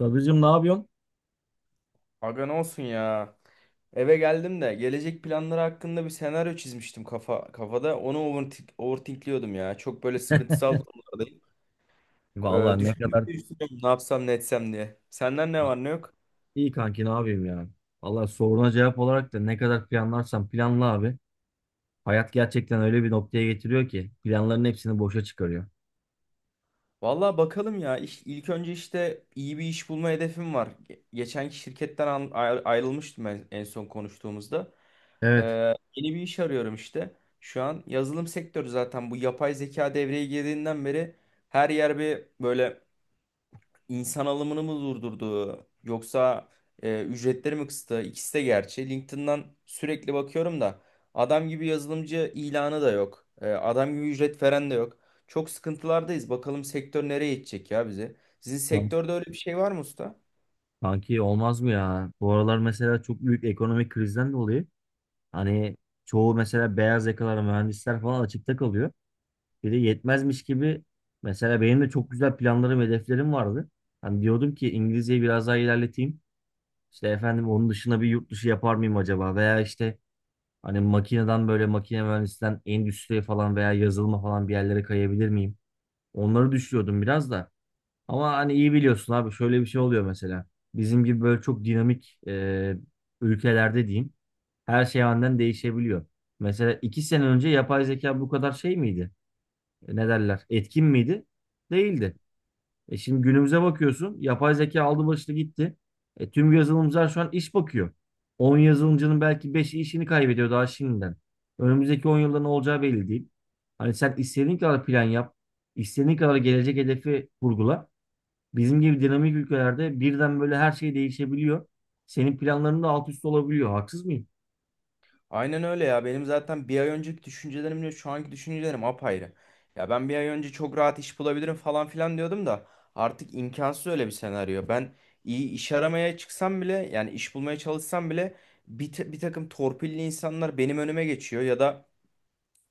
Sadıcığım ne yapıyorsun? Aga ne olsun ya. Eve geldim de gelecek planları hakkında bir senaryo çizmiştim kafa kafada. Onu overthinkliyordum ya. Çok böyle sıkıntısal durumlardayım. Ee, Vallahi ne kadar düşündükçe düşünüyorum ne yapsam ne etsem diye. Senden ne var ne yok? iyi kanki ne yapayım ya. Vallahi soruna cevap olarak da ne kadar planlarsan planla abi. Hayat gerçekten öyle bir noktaya getiriyor ki planların hepsini boşa çıkarıyor. Vallahi bakalım ya. İş, ilk önce işte iyi bir iş bulma hedefim var. Geçenki şirketten ayrılmıştım en son konuştuğumuzda. Ee, Evet. yeni bir iş arıyorum işte. Şu an yazılım sektörü zaten bu yapay zeka devreye girdiğinden beri her yer bir böyle insan alımını mı durdurdu yoksa ücretleri mi kıstı? İkisi de gerçi. LinkedIn'dan sürekli bakıyorum da adam gibi yazılımcı ilanı da yok. Adam gibi ücret veren de yok. Çok sıkıntılardayız. Bakalım sektör nereye gidecek ya bizi. Sizin Kan- sektörde öyle bir şey var mı usta? Kanki olmaz mı ya? Bu aralar mesela çok büyük ekonomik krizden dolayı hani çoğu mesela beyaz yakalar mühendisler falan açıkta kalıyor. Bir de yetmezmiş gibi mesela benim de çok güzel planlarım hedeflerim vardı. Hani diyordum ki İngilizceyi biraz daha ilerleteyim. İşte efendim onun dışına bir yurt dışı yapar mıyım acaba? Veya işte hani makineden böyle makine mühendisinden endüstriye falan veya yazılıma falan bir yerlere kayabilir miyim? Onları düşünüyordum biraz da. Ama hani iyi biliyorsun abi şöyle bir şey oluyor mesela. Bizim gibi böyle çok dinamik ülkelerde diyeyim her şey aniden değişebiliyor. Mesela iki sene önce yapay zeka bu kadar şey miydi? E, ne derler? Etkin miydi? Değildi. E şimdi günümüze bakıyorsun. Yapay zeka aldı başını gitti. E tüm yazılımcılar şu an iş bakıyor. 10 yazılımcının belki 5'i işini kaybediyor daha şimdiden. Önümüzdeki 10 yılda ne olacağı belli değil. Hani sen istediğin kadar plan yap, istediğin kadar gelecek hedefi kurgula. Bizim gibi dinamik ülkelerde birden böyle her şey değişebiliyor. Senin planların da alt üst olabiliyor. Haksız mıyım? Aynen öyle ya. Benim zaten bir ay önceki düşüncelerimle şu anki düşüncelerim apayrı. Ya ben bir ay önce çok rahat iş bulabilirim falan filan diyordum da artık imkansız öyle bir senaryo. Ben iyi iş aramaya çıksam bile yani iş bulmaya çalışsam bile bir takım torpilli insanlar benim önüme geçiyor ya da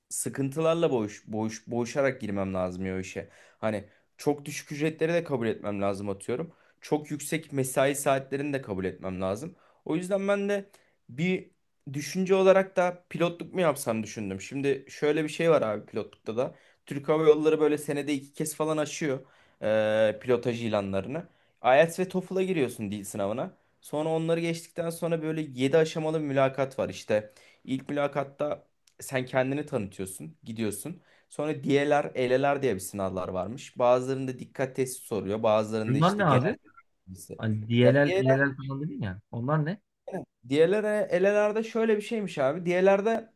sıkıntılarla boğuşarak girmem lazım ya o işe. Hani çok düşük ücretleri de kabul etmem lazım atıyorum. Çok yüksek mesai saatlerini de kabul etmem lazım. O yüzden ben de bir düşünce olarak da pilotluk mu yapsam düşündüm. Şimdi şöyle bir şey var abi pilotlukta da. Türk Hava Yolları böyle senede iki kez falan açıyor pilotaj ilanlarını. IELTS ve TOEFL'a giriyorsun dil sınavına. Sonra onları geçtikten sonra böyle 7 aşamalı bir mülakat var işte. İlk mülakatta sen kendini tanıtıyorsun, gidiyorsun. Sonra DLR, ELE'ler diye bir sınavlar varmış. Bazılarında dikkat testi soruyor, bazılarında Bunlar işte ne genel abi? bilgisi. Hani Ya DLL, DLR, LLL falan dedin ya. Onlar ne? DLR, ELE'lerde şöyle bir şeymiş abi. DLR'de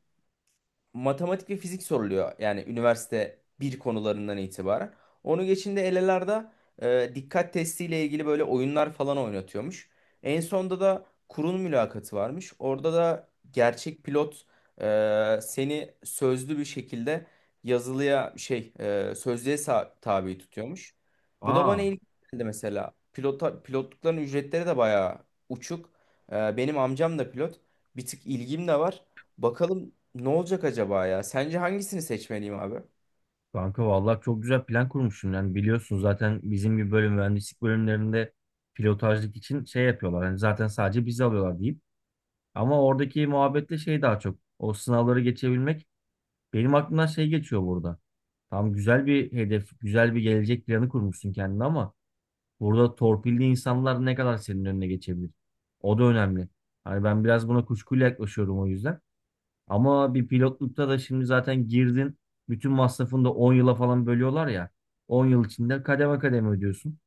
matematik ve fizik soruluyor. Yani üniversite bir konularından itibaren. Onu geçinde elelarda dikkat testiyle ilgili böyle oyunlar falan oynatıyormuş. En sonda da kurul mülakatı varmış. Orada da gerçek pilot seni sözlü bir şekilde yazılıya sözlüğe tabi tutuyormuş. Bu da Aa. bana ilginç geldi mesela. Pilotlukların ücretleri de bayağı uçuk. Benim amcam da pilot. Bir tık ilgim de var. Bakalım ne olacak acaba ya? Sence hangisini seçmeliyim abi? Kanka vallahi çok güzel plan kurmuşsun. Yani biliyorsun zaten bizim gibi bölüm mühendislik bölümlerinde pilotajlık için şey yapıyorlar. Yani zaten sadece bizi alıyorlar deyip. Ama oradaki muhabbetle şey daha çok. O sınavları geçebilmek. Benim aklımdan şey geçiyor burada. Tam güzel bir hedef, güzel bir gelecek planı kurmuşsun kendine ama burada torpilli insanlar ne kadar senin önüne geçebilir? O da önemli. Hani ben biraz buna kuşkuyla yaklaşıyorum o yüzden. Ama bir pilotlukta da şimdi zaten girdin. Bütün masrafını da 10 yıla falan bölüyorlar ya. 10 yıl içinde kademe kademe ödüyorsun.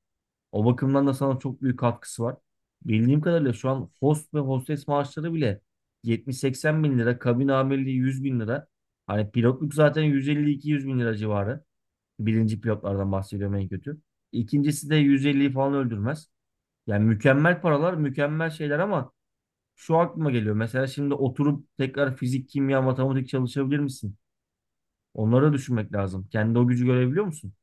O bakımdan da sana çok büyük katkısı var. Bildiğim kadarıyla şu an host ve hostes maaşları bile 70-80 bin TL. Kabin amirliği 100 bin TL. Hani pilotluk zaten 150-200 bin TL civarı. Birinci pilotlardan bahsediyorum en kötü. İkincisi de 150'yi falan öldürmez. Yani mükemmel paralar, mükemmel şeyler ama şu aklıma geliyor. Mesela şimdi oturup tekrar fizik, kimya, matematik çalışabilir misin? Onları da düşünmek lazım. Kendi o gücü görebiliyor musun?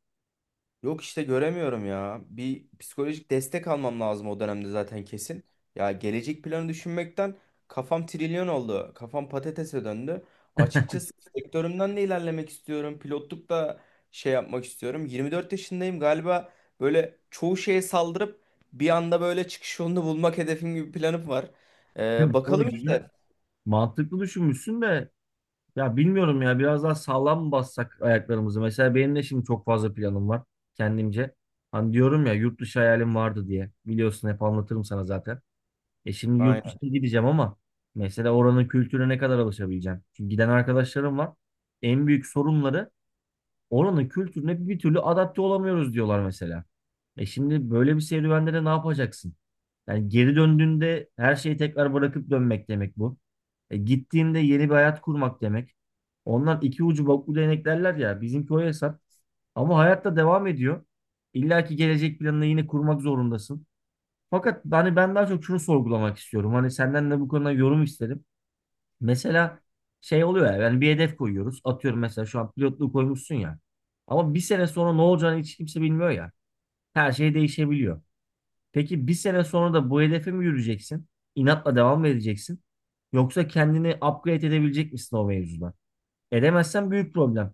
Yok işte göremiyorum ya. Bir psikolojik destek almam lazım o dönemde zaten kesin. Ya gelecek planı düşünmekten kafam trilyon oldu. Kafam patatese döndü. Açıkçası sektörümden de ilerlemek istiyorum. Pilotluk da şey yapmak istiyorum. 24 yaşındayım galiba böyle çoğu şeye saldırıp bir anda böyle çıkış yolunu bulmak hedefim gibi bir planım var. Ee, Valla bakalım işte. güzel. Mantıklı düşünmüşsün de ya bilmiyorum ya biraz daha sağlam mı bassak ayaklarımızı. Mesela benim de şimdi çok fazla planım var kendimce. Hani diyorum ya yurt dışı hayalim vardı diye. Biliyorsun hep anlatırım sana zaten. E şimdi yurt Aynen. dışına gideceğim ama mesela oranın kültürüne ne kadar alışabileceğim? Çünkü giden arkadaşlarım var. En büyük sorunları oranın kültürüne bir türlü adapte olamıyoruz diyorlar mesela. E şimdi böyle bir serüvende de ne yapacaksın? Yani geri döndüğünde her şeyi tekrar bırakıp dönmek demek bu. E gittiğinde yeni bir hayat kurmak demek. Ondan iki ucu boklu değnek derler ya. Bizimki o hesap. Ama hayatta devam ediyor. İlla ki gelecek planını yine kurmak zorundasın. Fakat hani ben daha çok şunu sorgulamak istiyorum. Hani senden de bu konuda yorum isterim. Mesela şey oluyor ya yani bir hedef koyuyoruz. Atıyorum mesela şu an pilotluğu koymuşsun ya. Ama bir sene sonra ne olacağını hiç kimse bilmiyor ya. Her şey değişebiliyor. Peki bir sene sonra da bu hedefe mi yürüyeceksin? İnatla devam mı edeceksin? Yoksa kendini upgrade edebilecek misin o mevzuda? Edemezsen büyük problem.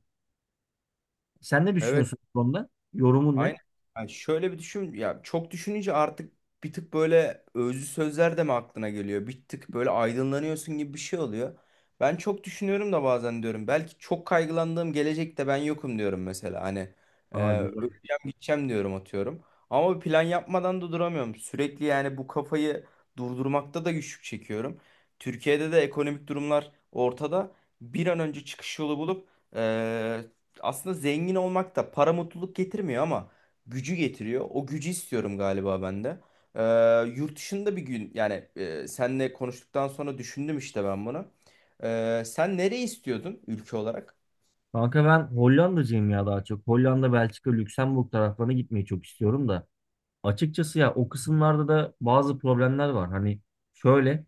Sen ne Evet. düşünüyorsun bu konuda? Yorumun Aynen. ne? Yani şöyle bir düşün ya çok düşününce artık bir tık böyle özlü sözler de mi aklına geliyor? Bir tık böyle aydınlanıyorsun gibi bir şey oluyor. Ben çok düşünüyorum da bazen diyorum belki çok kaygılandığım gelecekte ben yokum diyorum mesela hani Aa, güzel. öleceğim gideceğim diyorum atıyorum. Ama bir plan yapmadan da duramıyorum. Sürekli yani bu kafayı durdurmakta da güçlük çekiyorum. Türkiye'de de ekonomik durumlar ortada. Bir an önce çıkış yolu bulup e, aslında zengin olmak da para mutluluk getirmiyor ama gücü getiriyor. O gücü istiyorum galiba ben de. Ee, yurt dışında bir gün yani senle konuştuktan sonra düşündüm işte ben bunu. Sen nereyi istiyordun ülke olarak? Kanka ben Hollanda'cıyım ya daha çok. Hollanda, Belçika, Lüksemburg taraflarına gitmeyi çok istiyorum da. Açıkçası ya o kısımlarda da bazı problemler var. Hani şöyle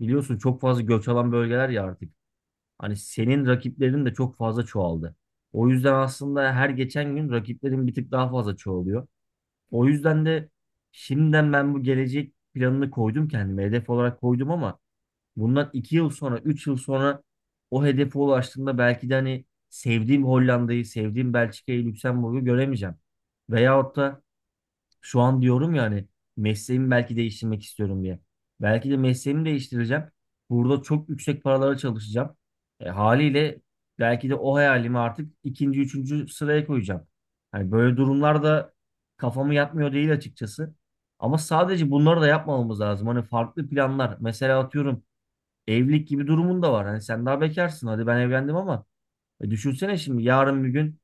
biliyorsun çok fazla göç alan bölgeler ya artık. Hani senin rakiplerin de çok fazla çoğaldı. O yüzden aslında her geçen gün rakiplerin bir tık daha fazla çoğalıyor. O yüzden de şimdiden ben bu gelecek planını koydum kendime. Hedef olarak koydum ama bundan 2 yıl sonra, 3 yıl sonra o hedefe ulaştığımda belki de hani sevdiğim Hollanda'yı, sevdiğim Belçika'yı, Lüksemburg'u göremeyeceğim. Veyahut da şu an diyorum ya hani mesleğimi belki değiştirmek istiyorum diye. Belki de mesleğimi değiştireceğim. Burada çok yüksek paralara çalışacağım. E, haliyle belki de o hayalimi artık ikinci, üçüncü sıraya koyacağım. Hani böyle durumlarda kafamı yatmıyor değil açıkçası. Ama sadece bunları da yapmamamız lazım. Hani farklı planlar. Mesela atıyorum evlilik gibi durumun da var. Hani sen daha bekarsın. Hadi ben evlendim ama düşünsene şimdi yarın bir gün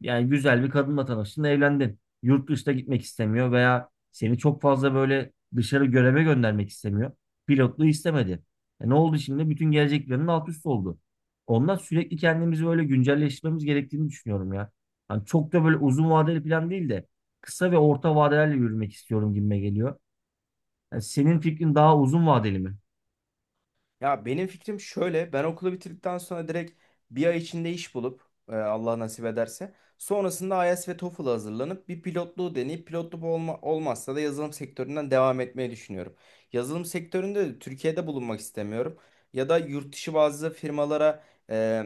yani güzel bir kadınla tanıştın, evlendin. Yurt dışına gitmek istemiyor veya seni çok fazla böyle dışarı göreve göndermek istemiyor. Pilotluğu istemedi. E ne oldu şimdi? Bütün gelecek planın alt üst oldu. Ondan sürekli kendimizi böyle güncelleştirmemiz gerektiğini düşünüyorum ya. Hani çok da böyle uzun vadeli plan değil de kısa ve orta vadelerle yürümek istiyorum gibime geliyor. Yani senin fikrin daha uzun vadeli mi? Ya benim fikrim şöyle. Ben okulu bitirdikten sonra direkt bir ay içinde iş bulup Allah nasip ederse sonrasında IELTS ve TOEFL hazırlanıp bir pilotluğu deneyip olmazsa da yazılım sektöründen devam etmeyi düşünüyorum. Yazılım sektöründe de Türkiye'de bulunmak istemiyorum. Ya da yurt dışı bazı firmalara e,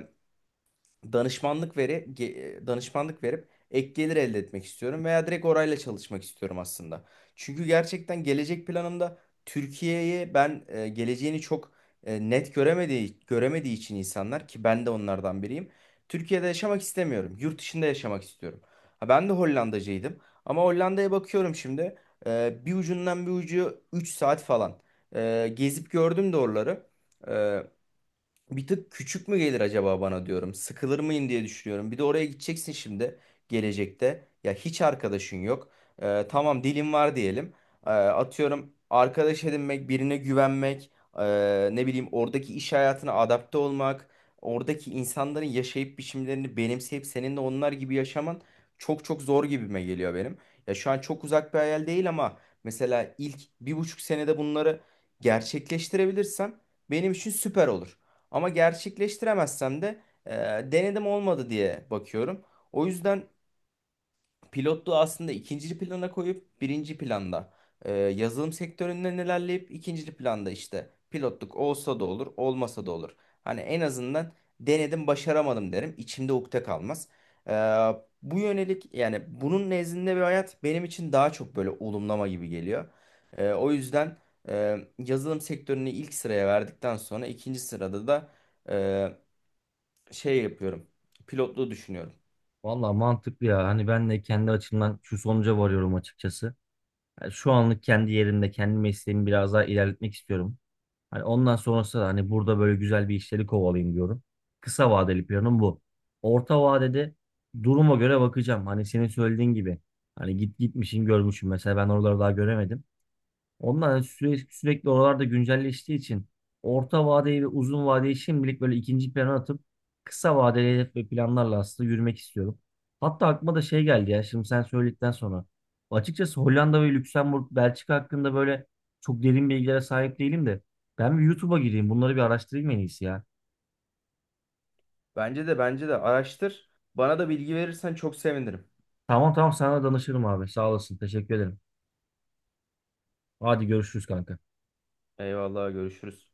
danışmanlık verip ek gelir elde etmek istiyorum veya direkt orayla çalışmak istiyorum aslında. Çünkü gerçekten gelecek planımda Türkiye'yi ben geleceğini çok net göremediği için insanlar ki ben de onlardan biriyim. Türkiye'de yaşamak istemiyorum. Yurt dışında yaşamak istiyorum. Ha, ben de Hollandacıydım ama Hollanda'ya bakıyorum şimdi. Bir ucundan bir ucu 3 saat falan. Gezip gördüm de oraları. E, bir tık küçük mü gelir acaba bana diyorum. Sıkılır mıyım diye düşünüyorum. Bir de oraya gideceksin şimdi gelecekte. Ya hiç arkadaşın yok. Tamam dilin var diyelim. Atıyorum arkadaş edinmek, birine güvenmek, ne bileyim oradaki iş hayatına adapte olmak, oradaki insanların yaşayıp biçimlerini benimseyip senin de onlar gibi yaşaman çok çok zor gibime geliyor benim. Ya şu an çok uzak bir hayal değil ama mesela ilk 1,5 senede bunları gerçekleştirebilirsem benim için süper olur. Ama gerçekleştiremezsem de e, denedim olmadı diye bakıyorum. O yüzden pilotluğu aslında ikinci plana koyup birinci planda yazılım sektöründen ilerleyip ikinci planda işte pilotluk olsa da olur olmasa da olur. Hani en azından denedim başaramadım derim içimde ukde kalmaz. E, bu yönelik yani bunun nezdinde bir hayat benim için daha çok böyle olumlama gibi geliyor. O yüzden yazılım sektörünü ilk sıraya verdikten sonra ikinci sırada da şey yapıyorum. Pilotluğu düşünüyorum. Valla mantıklı ya. Hani ben de kendi açımdan şu sonuca varıyorum açıkçası. Yani şu anlık kendi yerimde, kendi mesleğimi biraz daha ilerletmek istiyorum. Hani ondan sonrası da hani burada böyle güzel bir işleri kovalayayım diyorum. Kısa vadeli planım bu. Orta vadede duruma göre bakacağım. Hani senin söylediğin gibi. Hani git gitmişim görmüşüm. Mesela ben oraları daha göremedim. Onlar sürekli, sürekli oralarda güncelleştiği için orta vadeyi ve uzun vadeyi şimdilik böyle ikinci plana atıp kısa vadeli hedef ve planlarla aslında yürümek istiyorum. Hatta aklıma da şey geldi ya şimdi sen söyledikten sonra. Açıkçası Hollanda ve Lüksemburg, Belçika hakkında böyle çok derin bilgilere sahip değilim de ben bir YouTube'a gireyim bunları bir araştırayım en iyisi ya. Bence de araştır. Bana da bilgi verirsen çok sevinirim. Tamam tamam sana danışırım abi sağ olasın teşekkür ederim. Hadi görüşürüz kanka. Eyvallah görüşürüz.